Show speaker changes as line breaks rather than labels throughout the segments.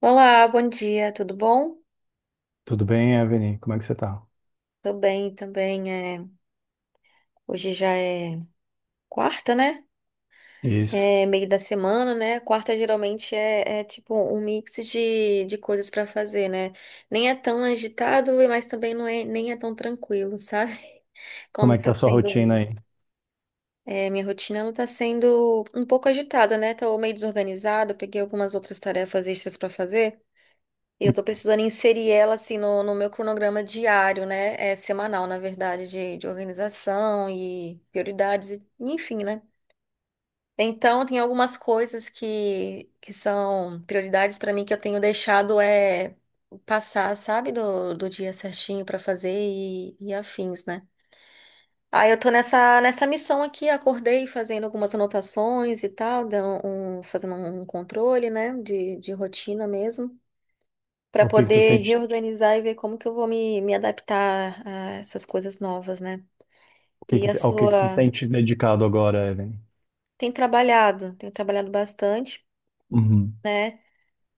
Olá, bom dia, tudo bom?
Tudo bem, Evelyn? Como é que você tá?
Tô bem também. Hoje já é quarta, né?
Isso.
É meio da semana, né? Quarta geralmente é tipo um mix de coisas pra fazer, né? Nem é tão agitado, mas também não é, nem é tão tranquilo, sabe? Como
Como é
que
que tá
tá
a sua rotina
sendo.
aí?
Minha rotina ela tá sendo um pouco agitada, né? Tô meio desorganizada, peguei algumas outras tarefas extras pra fazer. Eu tô precisando inserir ela assim no meu cronograma diário, né? É semanal, na verdade, de organização e prioridades, enfim, né? Então, tem algumas coisas que são prioridades para mim que eu tenho deixado passar, sabe, do dia certinho para fazer e afins, né? Aí eu tô nessa missão aqui, acordei fazendo algumas anotações e tal, fazendo um controle, né, de rotina mesmo para
Ao que tu
poder
tem te,
reorganizar e ver como que eu vou me adaptar a essas coisas novas, né?
o que
E a
que- ao
sua
que tu tem te dedicado agora, Evelyn?
tem trabalhado, tenho trabalhado bastante,
Uhum.
né?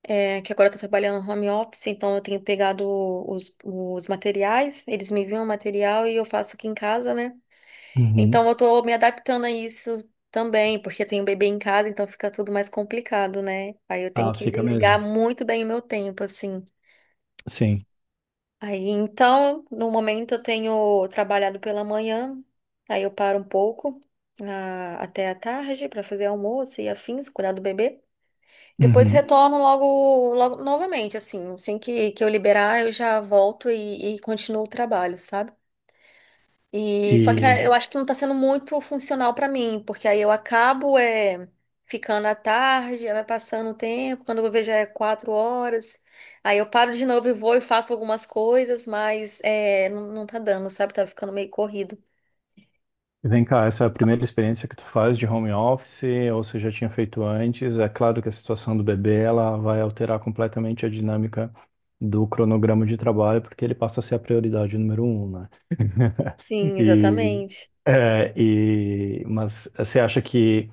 É que agora eu tô trabalhando no home office, então eu tenho pegado os materiais, eles me enviam o material e eu faço aqui em casa, né? Então
Uhum.
eu tô me adaptando a isso também, porque eu tenho um bebê em casa, então fica tudo mais complicado, né? Aí eu tenho
Ah,
que
fica
delegar
mesmo.
muito bem o meu tempo, assim.
Sim.
Aí então, no momento eu tenho trabalhado pela manhã, aí eu paro um pouco até a tarde para fazer almoço e afins, cuidar do bebê. Depois
Uhum.
retorno logo, logo novamente, assim, assim que eu liberar, eu já volto e continuo o trabalho, sabe? E só que
E
eu acho que não tá sendo muito funcional pra mim, porque aí eu acabo ficando à tarde, aí vai passando o tempo, quando eu vejo já é 4 horas, aí eu paro de novo e vou e faço algumas coisas, mas é, não, não tá dando, sabe? Tá ficando meio corrido.
vem cá, essa é a primeira experiência que tu faz de home office, ou você já tinha feito antes? É claro que a situação do bebê, ela vai alterar completamente a dinâmica do cronograma de trabalho, porque ele passa a ser a prioridade número um, né?
Sim,
E,
exatamente.
mas você acha que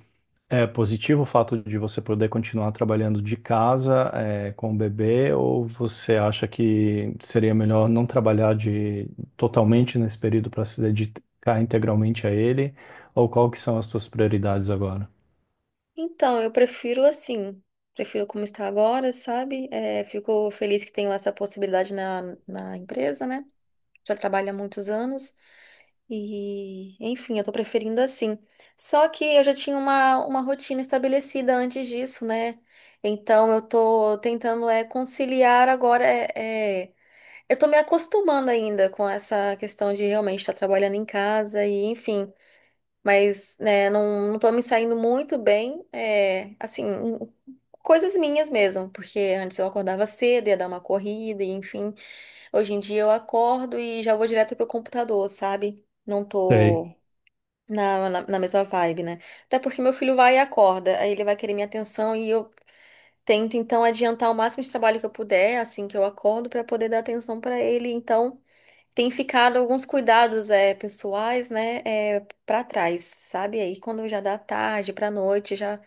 é positivo o fato de você poder continuar trabalhando de casa, com o bebê, ou você acha que seria melhor não trabalhar totalmente nesse período para se dedicar integralmente a ele? Ou qual que são as suas prioridades agora?
Então, eu prefiro assim, prefiro como está agora, sabe? É, fico feliz que tenho essa possibilidade na empresa, né? Já trabalho há muitos anos. E, enfim, eu tô preferindo assim. Só que eu já tinha uma rotina estabelecida antes disso, né? Então eu tô tentando é conciliar agora. Eu tô me acostumando ainda com essa questão de realmente estar trabalhando em casa e, enfim. Mas, né, não, não tô me saindo muito bem. É, assim, coisas minhas mesmo, porque antes eu acordava cedo, ia dar uma corrida, e, enfim. Hoje em dia eu acordo e já vou direto pro computador, sabe? Não
Sei.
tô na mesma vibe, né? Até porque meu filho vai e acorda, aí ele vai querer minha atenção e eu tento então adiantar o máximo de trabalho que eu puder assim que eu acordo pra poder dar atenção pra ele. Então tem ficado alguns cuidados pessoais, né, para trás, sabe? Aí quando já dá tarde pra noite,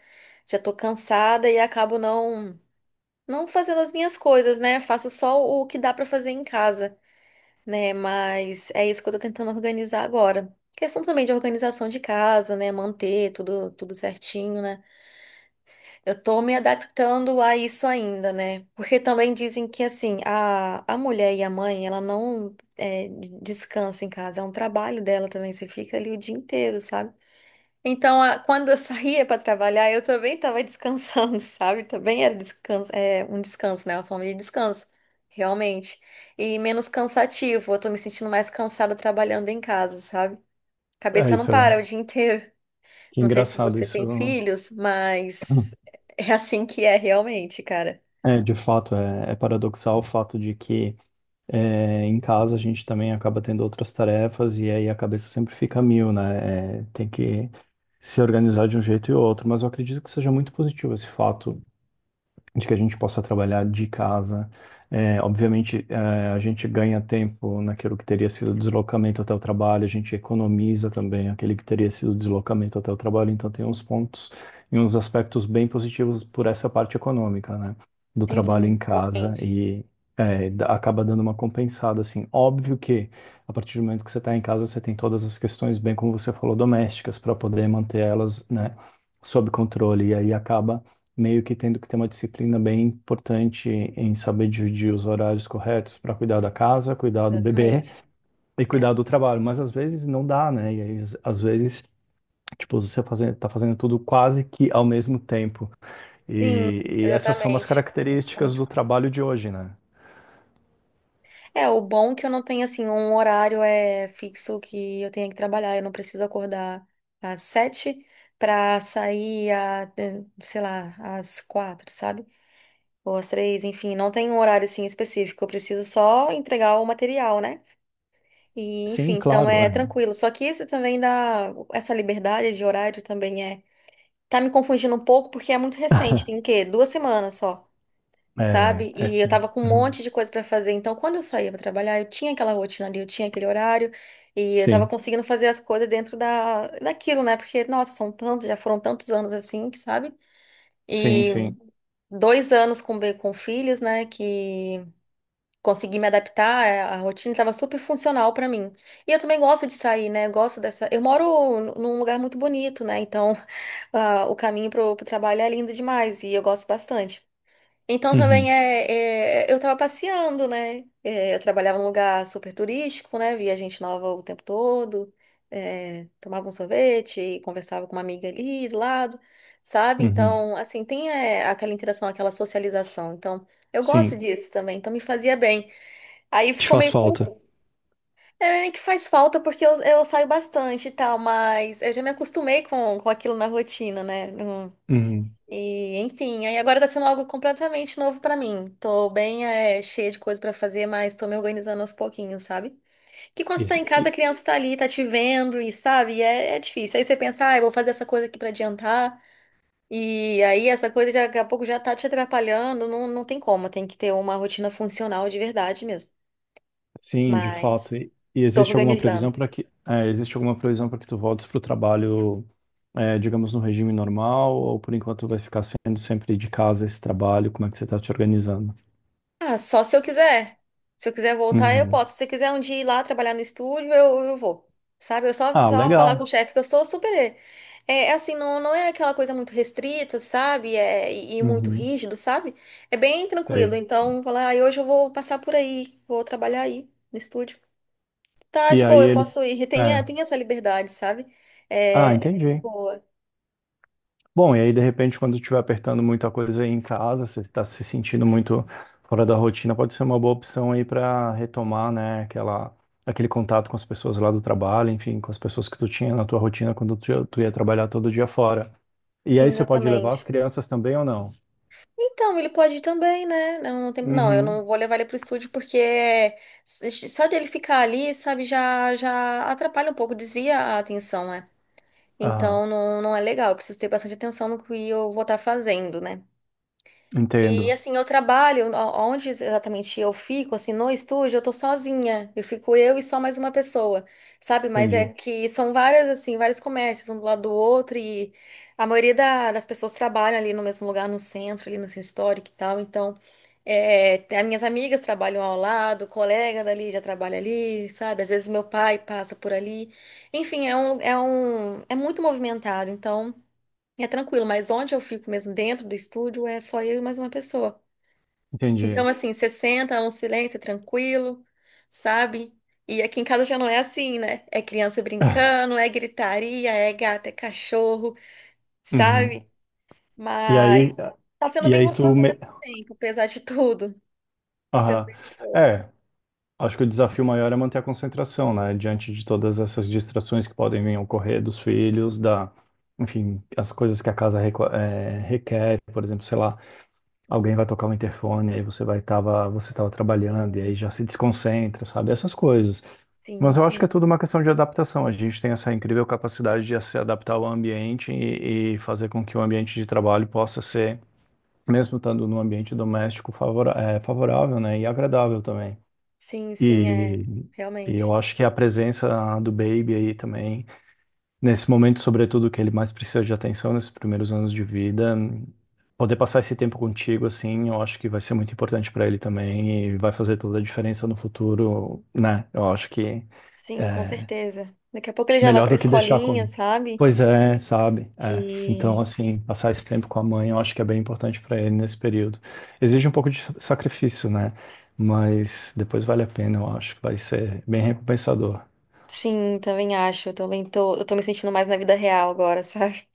já tô cansada e acabo não fazendo as minhas coisas, né? Faço só o que dá pra fazer em casa né? Mas é isso que eu tô tentando organizar agora. Questão também de organização de casa, né? Manter tudo, tudo certinho, né? Eu tô me adaptando a isso ainda, né? Porque também dizem que, assim, a mulher e a mãe, ela não é, descansa em casa, é um trabalho dela também. Você fica ali o dia inteiro, sabe? Então, quando eu saía para trabalhar, eu também estava descansando, sabe? Também era descanso, é, um descanso, né? Uma forma de descanso, realmente. E menos cansativo. Eu tô me sentindo mais cansada trabalhando em casa, sabe?
É
Cabeça não
isso, né?
para o dia inteiro.
Que
Não sei se
engraçado
você tem
isso.
filhos, mas é assim que é realmente, cara.
De fato, é paradoxal o fato de que em casa a gente também acaba tendo outras tarefas e aí a cabeça sempre fica a mil, né? É, tem que se organizar de um jeito e outro, mas eu acredito que seja muito positivo esse fato de que a gente possa trabalhar de casa. É, obviamente, é, a gente ganha tempo naquilo que teria sido deslocamento até o trabalho, a gente economiza também aquele que teria sido deslocamento até o trabalho, então tem uns pontos e uns aspectos bem positivos por essa parte econômica, né, do trabalho
Sim,
em casa
realmente.
e acaba dando uma compensada, assim. Óbvio que a partir do momento que você está em casa, você tem todas as questões, bem como você falou, domésticas, para poder manter elas, né, sob controle, e aí acaba meio que tendo que ter uma disciplina bem importante em saber dividir os horários corretos para cuidar da casa, cuidar do bebê
Exatamente.
e
É.
cuidar do trabalho. Mas às vezes não dá, né? E aí, às vezes, tipo, tá fazendo tudo quase que ao mesmo tempo.
Sim,
E essas são umas
exatamente.
características do trabalho de hoje, né?
É, o bom é que eu não tenho, assim, um horário fixo que eu tenha que trabalhar. Eu não preciso acordar às 7 para sair, a, sei lá, às 4, sabe? Ou às 3, enfim. Não tem um horário, assim, específico. Eu preciso só entregar o material, né? E, enfim,
Sim,
então
claro,
é
é.
tranquilo. Só que isso também dá. Essa liberdade de horário também é. Tá me confundindo um pouco porque é muito recente. Tem o quê? 2 semanas só
É,
sabe?
é
E eu
sim.
tava com um
Uhum.
monte de coisa pra fazer. Então, quando eu saía pra trabalhar, eu tinha aquela rotina ali, eu tinha aquele horário e eu tava
Sim,
conseguindo fazer as coisas dentro da daquilo, né? Porque, nossa, já foram tantos anos assim, que sabe?
sim,
E
sim.
Sim. 2 anos com filhos, né? Que consegui me adaptar, é, a rotina tava super funcional pra mim. E eu também gosto de sair, né? Eu gosto dessa. Eu moro num lugar muito bonito, né? Então, ah, o caminho pro trabalho é lindo demais e eu gosto bastante. Então também
Uhum,
eu tava passeando, né? É, eu trabalhava num lugar super turístico, né? Via gente nova o tempo todo, é, tomava um sorvete e conversava com uma amiga ali do lado, sabe?
uhum.
Então, assim, tem é, aquela interação, aquela socialização. Então, eu gosto
Sim,
disso também, então me fazia bem. Aí
te
ficou
faz
meio
falta.
confuso. É nem que faz falta porque eu saio bastante e tal, mas eu já me acostumei com aquilo na rotina, né?
Uhum.
E, enfim, aí agora tá sendo algo completamente novo pra mim. Tô bem, é, cheia de coisa pra fazer, mas tô me organizando aos pouquinhos, sabe? Que quando você tá
Isso.
em casa, a criança tá ali, tá te vendo e, sabe, é difícil. Aí você pensa, ah, eu vou fazer essa coisa aqui pra adiantar. E aí essa coisa já, daqui a pouco já tá te atrapalhando. Não, não tem como, tem que ter uma rotina funcional de verdade mesmo.
Sim, de fato.
Mas
E
tô
existe alguma previsão
organizando.
para existe alguma previsão para que tu voltes para o trabalho, é, digamos, no regime normal, ou por enquanto vai ficar sendo sempre de casa esse trabalho? Como é que você está te organizando?
Ah, só se eu quiser. Se eu quiser voltar, eu
Uhum.
posso. Se você quiser um dia ir lá trabalhar no estúdio, eu vou. Sabe? Eu só,
Ah,
só falar com o
legal.
chefe que eu sou super. É, é assim, não, não é aquela coisa muito restrita, sabe? É, e muito
Uhum.
rígido, sabe? É bem tranquilo.
Sei.
Então, falar, ah, hoje eu vou passar por aí, vou trabalhar aí no estúdio. Tá
E
de
aí
boa, eu
ele.
posso ir. Tem,
É.
tem essa liberdade, sabe?
Ah,
É, é
entendi.
boa.
Bom, e aí de repente, quando estiver apertando muita coisa aí em casa, você está se sentindo muito fora da rotina, pode ser uma boa opção aí para retomar, aquele contato com as pessoas lá do trabalho, enfim, com as pessoas que tu tinha na tua rotina quando tu ia trabalhar todo dia fora. E
Sim,
aí você pode levar as
exatamente.
crianças também ou não?
Então, ele pode ir também, né? Não, não, eu não
Uhum.
vou levar ele pro estúdio porque só dele ficar ali, sabe, já atrapalha um pouco, desvia a atenção, né?
Aham,
Então, não, não é legal. Eu preciso ter bastante atenção no que eu vou estar fazendo, né? E
entendo.
assim, onde exatamente eu fico, assim, no estúdio, eu tô sozinha. Eu fico eu e só mais uma pessoa, sabe? Mas é
Entendi.
que são várias, assim, vários comércios, um do lado do outro, e a maioria das pessoas trabalham ali no mesmo lugar, no centro, ali no centro histórico e tal. Então, é, tem- as minhas amigas trabalham ao lado, o colega dali já trabalha ali, sabe? Às vezes meu pai passa por ali. Enfim, é muito movimentado, então. É tranquilo, mas onde eu fico mesmo dentro do estúdio é só eu e mais uma pessoa.
Entendi.
Então, assim, você senta, é um silêncio, é tranquilo, sabe? E aqui em casa já não é assim, né? É criança brincando, é gritaria, é gato, é cachorro,
Uhum.
sabe?
E aí,
Mas tá sendo
e
bem
aí tu
gostoso ao
me...
mesmo tempo, apesar de tudo. Tá sendo
Aham.
bem gostoso.
É, Acho que o desafio maior é manter a concentração, né? Diante de todas essas distrações que podem vir a ocorrer dos filhos, da, enfim, as coisas que a casa requer, por exemplo, sei lá, alguém vai tocar o interfone, aí você vai tava, você tava trabalhando e aí
Sim,
já se desconcentra, sabe? Essas coisas.
sim,
Mas eu acho que é
sim.
tudo uma questão de adaptação. A gente tem essa incrível capacidade de se adaptar ao ambiente e fazer com que o ambiente de trabalho possa ser, mesmo estando num ambiente doméstico, favorável, né? E agradável também.
Sim, sim, é.
E, e eu
Realmente.
acho que a presença do Baby aí também, nesse momento, sobretudo, que ele mais precisa de atenção nesses primeiros anos de vida, poder passar esse tempo contigo, assim, eu acho que vai ser muito importante para ele também e vai fazer toda a diferença no futuro, né? Eu acho que
Sim, com
é,
certeza. Daqui a pouco ele já vai
Melhor
pra
do que deixar
escolinha,
comigo.
sabe?
Pois é, sabe? É. Então,
E.
assim, passar esse tempo com a mãe, eu acho que é bem importante para ele nesse período. Exige um pouco de sacrifício, né? Mas depois vale a pena, eu acho que vai ser bem recompensador.
Sim, também acho. Eu tô me sentindo mais na vida real agora, sabe?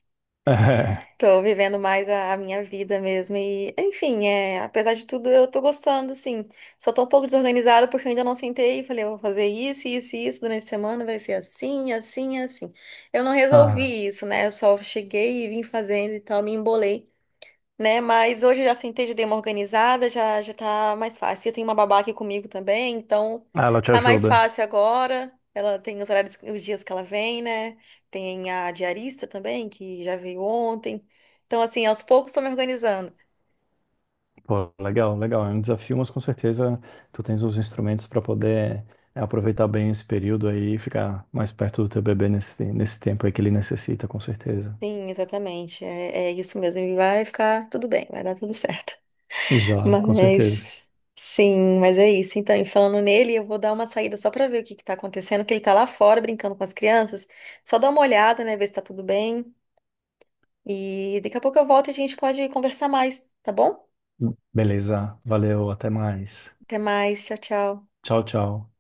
É.
Tô vivendo mais a minha vida mesmo. E, enfim, é, apesar de tudo, eu tô gostando, sim. Só tô um pouco desorganizada porque eu ainda não sentei e falei, eu vou fazer isso, isso e isso durante a semana, vai ser assim, assim, assim. Eu não
Ah,
resolvi isso, né? Eu só cheguei e vim fazendo e tal, me embolei né? Mas hoje eu já sentei de dei uma organizada, já tá mais fácil. Eu tenho uma babá aqui comigo também, então
ela te
tá mais
ajuda.
fácil agora. Ela tem os horários, os dias que ela vem, né? Tem a diarista também, que já veio ontem. Então, assim, aos poucos estou me organizando.
Pô, legal, legal. É um desafio, mas com certeza tu tens os instrumentos para poder aproveitar bem esse período aí e ficar mais perto do teu bebê nesse tempo aí que ele necessita, com certeza.
Sim, exatamente. É, é isso mesmo. E vai ficar tudo bem, vai dar tudo certo.
Já, com certeza.
Mas sim, mas é isso. Então, e falando nele, eu vou dar uma saída só para ver o que que tá acontecendo, que ele tá lá fora brincando com as crianças. Só dá uma olhada, né, ver se tá tudo bem. E daqui a pouco eu volto e a gente pode conversar mais, tá bom?
Beleza, valeu, até mais.
Até mais, tchau, tchau.
Tchau, tchau.